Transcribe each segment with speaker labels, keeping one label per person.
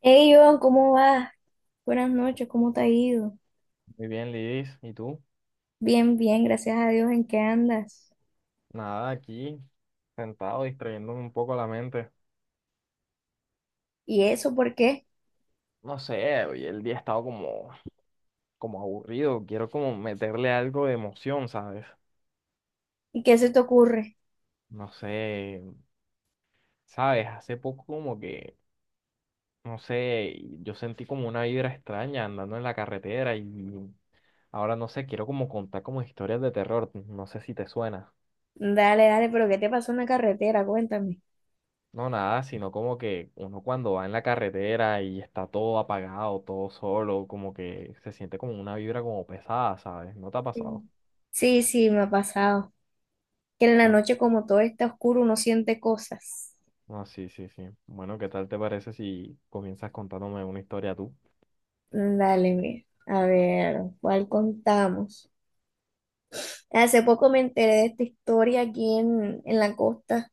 Speaker 1: Hey, Iván, ¿cómo vas? Buenas noches, ¿cómo te ha ido?
Speaker 2: Muy bien, Lidis. ¿Y tú?
Speaker 1: Bien, bien, gracias a Dios, ¿en qué andas?
Speaker 2: Nada, aquí, sentado, distrayéndome un poco la mente.
Speaker 1: ¿Y eso por qué?
Speaker 2: No sé, hoy el día ha estado como aburrido. Quiero como meterle algo de emoción, ¿sabes?
Speaker 1: ¿Y qué se te ocurre?
Speaker 2: No sé, ¿sabes? Hace poco como que, no sé, yo sentí como una vibra extraña andando en la carretera y ahora no sé, quiero como contar como historias de terror. No sé si te suena.
Speaker 1: Dale, dale, pero ¿qué te pasó en la carretera? Cuéntame.
Speaker 2: No, nada, sino como que uno cuando va en la carretera y está todo apagado, todo solo, como que se siente como una vibra como pesada, ¿sabes? ¿No te ha pasado?
Speaker 1: Sí, sí, sí, me ha pasado. Que en la
Speaker 2: Ma-
Speaker 1: noche, como todo está oscuro, uno siente cosas.
Speaker 2: No, sí, sí, sí. Bueno, ¿qué tal te parece si comienzas contándome una historia tú?
Speaker 1: Dale, mira. A ver, ¿cuál contamos? Hace poco me enteré de esta historia aquí en la costa.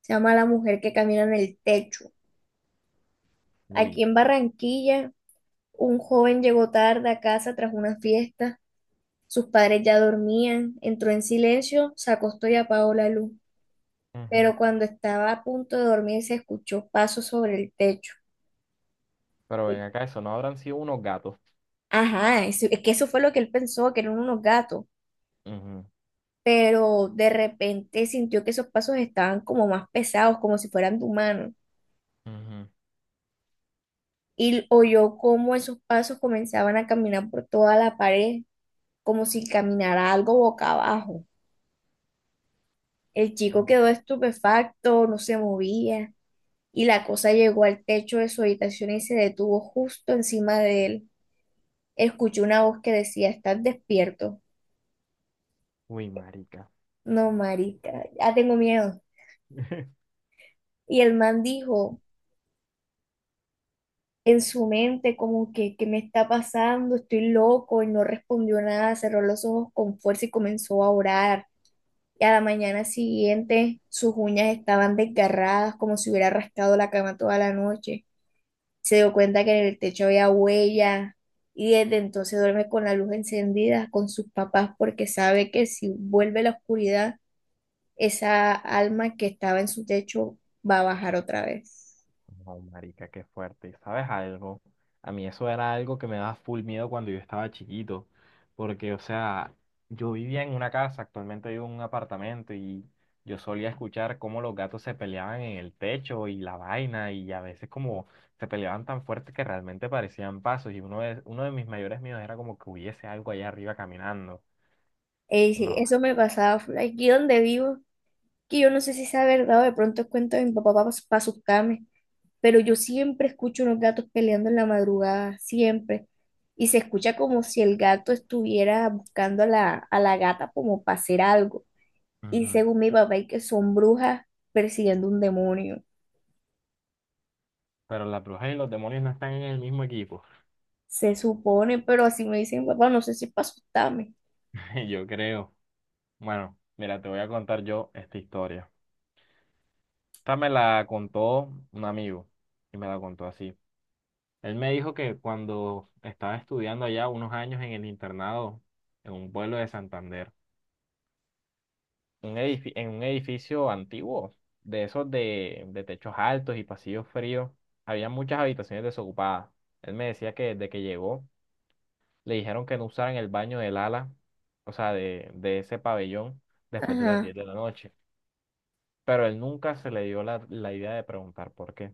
Speaker 1: Se llama La mujer que camina en el techo.
Speaker 2: Uy.
Speaker 1: Aquí en Barranquilla. Un joven llegó tarde a casa tras una fiesta. Sus padres ya dormían. Entró en silencio, se acostó y apagó la luz.
Speaker 2: Ujú.
Speaker 1: Pero cuando estaba a punto de dormir, se escuchó pasos sobre el techo.
Speaker 2: Pero ven acá, eso no habrán sido unos gatos.
Speaker 1: Ajá, es que eso fue lo que él pensó, que eran unos gatos.
Speaker 2: Ujú,
Speaker 1: Pero de repente sintió que esos pasos estaban como más pesados, como si fueran de humanos.
Speaker 2: ujú.
Speaker 1: Y oyó cómo esos pasos comenzaban a caminar por toda la pared, como si caminara algo boca abajo. El chico quedó estupefacto, no se movía, y la cosa llegó al techo de su habitación y se detuvo justo encima de él. Escuchó una voz que decía, ¿estás despierto?
Speaker 2: Uy, marica.
Speaker 1: No, marica, ya tengo miedo. Y el man dijo en su mente como que, ¿qué me está pasando? Estoy loco y no respondió nada, cerró los ojos con fuerza y comenzó a orar. Y a la mañana siguiente sus uñas estaban desgarradas como si hubiera rascado la cama toda la noche. Se dio cuenta que en el techo había huella y desde entonces duerme con la luz encendida con sus papás porque sabe que si vuelve la oscuridad, esa alma que estaba en su techo va a bajar otra vez.
Speaker 2: No, marica, qué fuerte. ¿Sabes algo? A mí eso era algo que me daba full miedo cuando yo estaba chiquito, porque, o sea, yo vivía en una casa, actualmente vivo en un apartamento y yo solía escuchar cómo los gatos se peleaban en el techo y la vaina y a veces como se peleaban tan fuerte que realmente parecían pasos y uno de mis mayores miedos era como que hubiese algo allá arriba caminando.
Speaker 1: E dice,
Speaker 2: No,
Speaker 1: eso me pasaba full aquí donde vivo, que yo no sé si sea verdad o de pronto es cuento de mi papá para pa asustarme, pero yo siempre escucho unos gatos peleando en la madrugada, siempre. Y se escucha como si el gato estuviera buscando a la gata como para hacer algo. Y
Speaker 2: ujú.
Speaker 1: según mi papá, y que son brujas persiguiendo un demonio.
Speaker 2: Pero las brujas y los demonios no están en el mismo equipo,
Speaker 1: Se supone, pero así me dicen, papá, no sé si para asustarme.
Speaker 2: yo creo. Bueno, mira, te voy a contar yo esta historia. Esta me la contó un amigo y me la contó así. Él me dijo que cuando estaba estudiando allá unos años en el internado, en un pueblo de Santander, en un edificio antiguo, de esos de techos altos y pasillos fríos, había muchas habitaciones desocupadas. Él me decía que desde que llegó le dijeron que no usaran el baño del ala, o sea, de ese pabellón después de las
Speaker 1: Ajá,
Speaker 2: 10 de la noche. Pero él nunca se le dio la idea de preguntar por qué.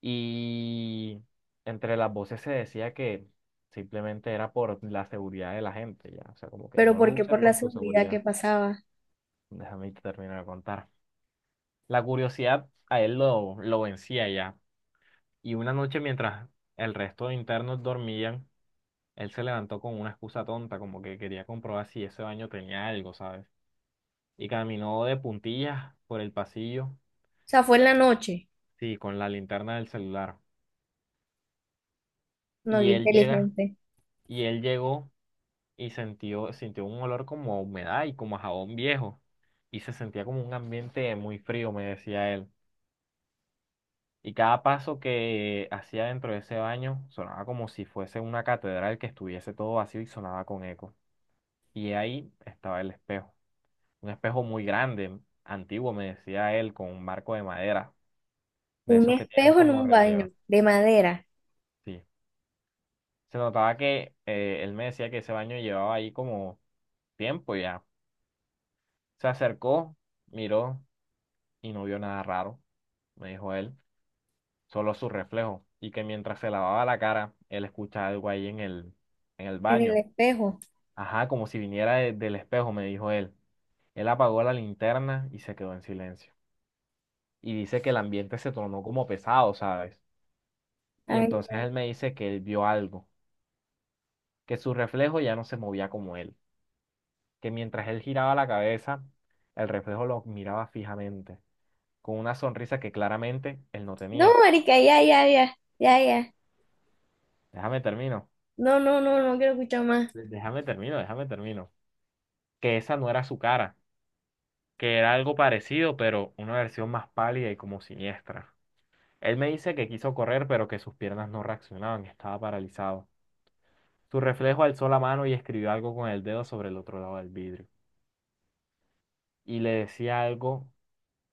Speaker 2: Y entre las voces se decía que simplemente era por la seguridad de la gente, ya. O sea, como que
Speaker 1: pero
Speaker 2: no lo
Speaker 1: ¿por qué?
Speaker 2: uses
Speaker 1: Por la
Speaker 2: por tu
Speaker 1: seguridad
Speaker 2: seguridad.
Speaker 1: que pasaba.
Speaker 2: Déjame te termino de contar. La curiosidad a él lo vencía ya. Y una noche mientras el resto de internos dormían, él se levantó con una excusa tonta, como que quería comprobar si ese baño tenía algo, ¿sabes? Y caminó de puntillas por el pasillo,
Speaker 1: O sea, fue en la noche.
Speaker 2: sí, con la linterna del celular.
Speaker 1: No,
Speaker 2: Y
Speaker 1: qué
Speaker 2: él llega,
Speaker 1: inteligente.
Speaker 2: y él llegó y sintió, sintió un olor como a humedad y como a jabón viejo. Y se sentía como un ambiente muy frío, me decía él. Y cada paso que hacía dentro de ese baño sonaba como si fuese una catedral que estuviese todo vacío y sonaba con eco. Y ahí estaba el espejo. Un espejo muy grande, antiguo, me decía él, con un marco de madera, de
Speaker 1: Un
Speaker 2: esos que tienen
Speaker 1: espejo en
Speaker 2: como
Speaker 1: un baño
Speaker 2: relieve.
Speaker 1: de madera,
Speaker 2: Sí. Se notaba que él me decía que ese baño llevaba ahí como tiempo ya. Se acercó, miró y no vio nada raro, me dijo él, solo su reflejo, y que mientras se lavaba la cara, él escuchaba algo ahí en el
Speaker 1: en el
Speaker 2: baño.
Speaker 1: espejo.
Speaker 2: Ajá, como si viniera del espejo, me dijo él. Él apagó la linterna y se quedó en silencio. Y dice que el ambiente se tornó como pesado, ¿sabes? Y
Speaker 1: Ay,
Speaker 2: entonces él me dice que él vio algo, que su reflejo ya no se movía como él, que mientras él giraba la cabeza, el reflejo lo miraba fijamente, con una sonrisa que claramente él no
Speaker 1: no,
Speaker 2: tenía.
Speaker 1: marica, ya, ya, ya, ya, ya.
Speaker 2: Déjame termino.
Speaker 1: No, no, no, no quiero escuchar más.
Speaker 2: Déjame termino, déjame termino. Que esa no era su cara, que era algo parecido, pero una versión más pálida y como siniestra. Él me dice que quiso correr, pero que sus piernas no reaccionaban, que estaba paralizado. Su reflejo alzó la mano y escribió algo con el dedo sobre el otro lado del vidrio. Y le decía algo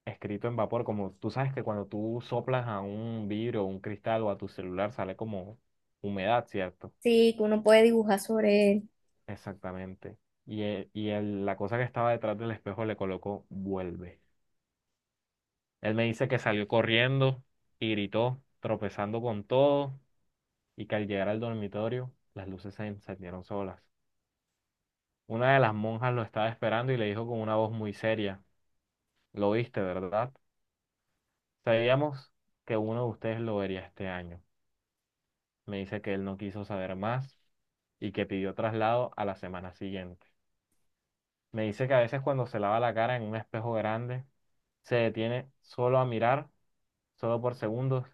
Speaker 2: escrito en vapor, como tú sabes que cuando tú soplas a un vidrio o un cristal o a tu celular sale como humedad, ¿cierto?
Speaker 1: Sí, que uno puede dibujar sobre él.
Speaker 2: Exactamente. Y, la cosa que estaba detrás del espejo le colocó vuelve. Él me dice que salió corriendo y gritó, tropezando con todo, y que al llegar al dormitorio las luces se encendieron solas. Una de las monjas lo estaba esperando y le dijo con una voz muy seria, ¿lo viste, verdad? Sabíamos que uno de ustedes lo vería este año. Me dice que él no quiso saber más y que pidió traslado a la semana siguiente. Me dice que a veces cuando se lava la cara en un espejo grande, se detiene solo a mirar, solo por segundos,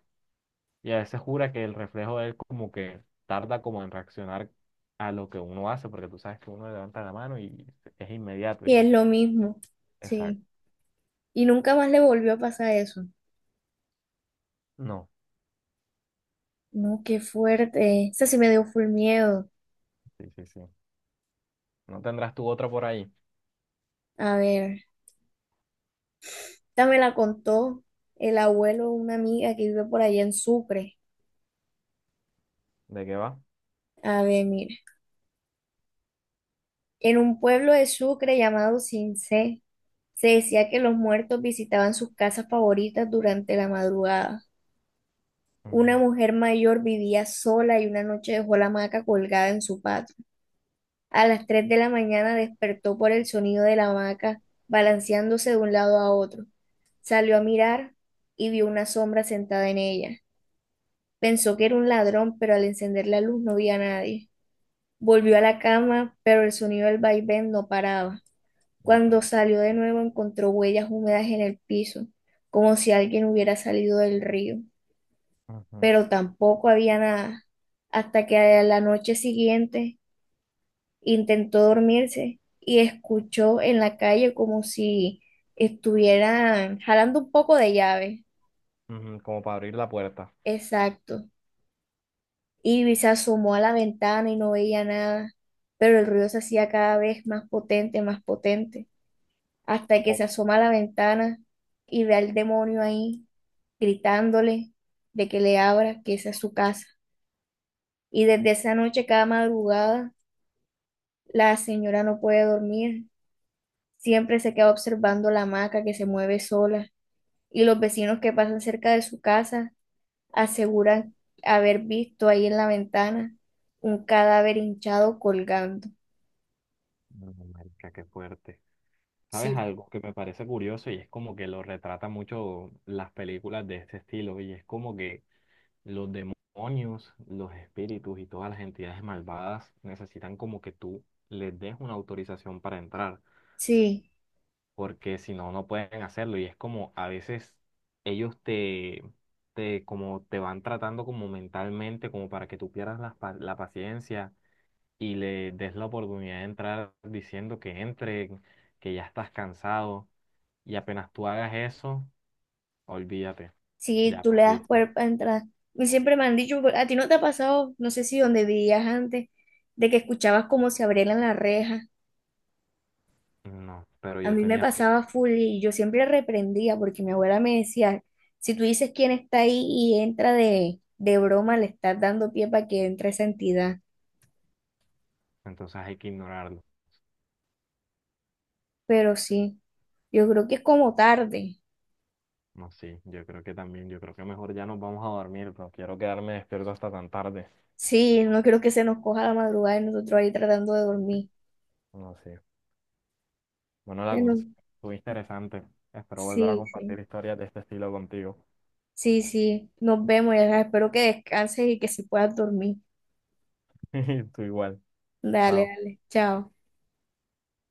Speaker 2: y a veces jura que el reflejo de él como que tarda como en reaccionar a lo que uno hace, porque tú sabes que uno levanta la mano y es inmediato y
Speaker 1: Y es
Speaker 2: ya.
Speaker 1: lo mismo. Sí.
Speaker 2: Exacto.
Speaker 1: Y nunca más le volvió a pasar eso.
Speaker 2: No,
Speaker 1: No, qué fuerte. Esa sí me dio full miedo.
Speaker 2: sí, sí, sí. ¿No tendrás tú otra por ahí?
Speaker 1: A ver, esta me la contó el abuelo de una amiga que vive por allá en Sucre.
Speaker 2: ¿De qué va?
Speaker 1: A ver, mira. En un pueblo de Sucre llamado Cincé, se decía que los muertos visitaban sus casas favoritas durante la madrugada. Una
Speaker 2: Ujú.
Speaker 1: mujer mayor vivía sola y una noche dejó la hamaca colgada en su patio. A las 3 de la mañana despertó por el sonido de la hamaca balanceándose de un lado a otro. Salió a mirar y vio una sombra sentada en ella. Pensó que era un ladrón, pero al encender la luz no vi a nadie. Volvió a la cama, pero el sonido del vaivén no paraba.
Speaker 2: Uy,
Speaker 1: Cuando
Speaker 2: marica.
Speaker 1: salió de nuevo encontró huellas húmedas en el piso, como si alguien hubiera salido del río,
Speaker 2: Ujú.
Speaker 1: pero tampoco había nada. Hasta que a la noche siguiente intentó dormirse y escuchó en la calle como si estuvieran jalando un poco de llave.
Speaker 2: Ujú, como para abrir la puerta.
Speaker 1: Exacto. Ivy se asomó a la ventana y no veía nada, pero el ruido se hacía cada vez más potente, hasta que
Speaker 2: Oh,
Speaker 1: se asoma a la ventana y ve al demonio ahí gritándole de que le abra, que esa es su casa. Y desde esa noche, cada madrugada, la señora no puede dormir, siempre se queda observando la hamaca que se mueve sola y los vecinos que pasan cerca de su casa aseguran haber visto ahí en la ventana un cadáver hinchado colgando.
Speaker 2: no, marica, qué fuerte. ¿Sabes
Speaker 1: Sí,
Speaker 2: algo que me parece curioso y es como que lo retrata mucho las películas de este estilo? Y es como que los demonios, los espíritus y todas las entidades malvadas necesitan como que tú les des una autorización para entrar,
Speaker 1: sí,
Speaker 2: porque si no, no pueden hacerlo. Y es como a veces ellos como te van tratando como mentalmente, como para que tú pierdas la paciencia y le des la oportunidad de entrar diciendo que entre, que ya estás cansado. Y apenas tú hagas eso, olvídate,
Speaker 1: sí,
Speaker 2: ya
Speaker 1: tú le das
Speaker 2: perdiste.
Speaker 1: cuerpo a entrar. Y siempre me han dicho, a ti no te ha pasado, no sé si donde vivías antes, de que escuchabas como se abrieran las rejas.
Speaker 2: No, pero
Speaker 1: A
Speaker 2: yo
Speaker 1: mí me
Speaker 2: tenía fuerza,
Speaker 1: pasaba full y yo siempre reprendía porque mi abuela me decía, si tú dices quién está ahí y entra de broma, le estás dando pie para que entre esa entidad.
Speaker 2: entonces hay que ignorarlo.
Speaker 1: Pero sí, yo creo que es como tarde.
Speaker 2: No, sí, yo creo que también, yo creo que mejor ya nos vamos a dormir, pero quiero quedarme despierto hasta tan tarde.
Speaker 1: Sí, no creo que se nos coja la madrugada y nosotros ahí tratando de dormir.
Speaker 2: No, sí. Bueno, la
Speaker 1: Bueno,
Speaker 2: conversación estuvo interesante. Espero volver a
Speaker 1: sí,
Speaker 2: compartir
Speaker 1: sí.
Speaker 2: historias de este estilo contigo.
Speaker 1: Sí, sí, nos vemos, ya sabes, espero que descanses y que si puedas dormir.
Speaker 2: Tú igual.
Speaker 1: Dale,
Speaker 2: Chao.
Speaker 1: dale, chao.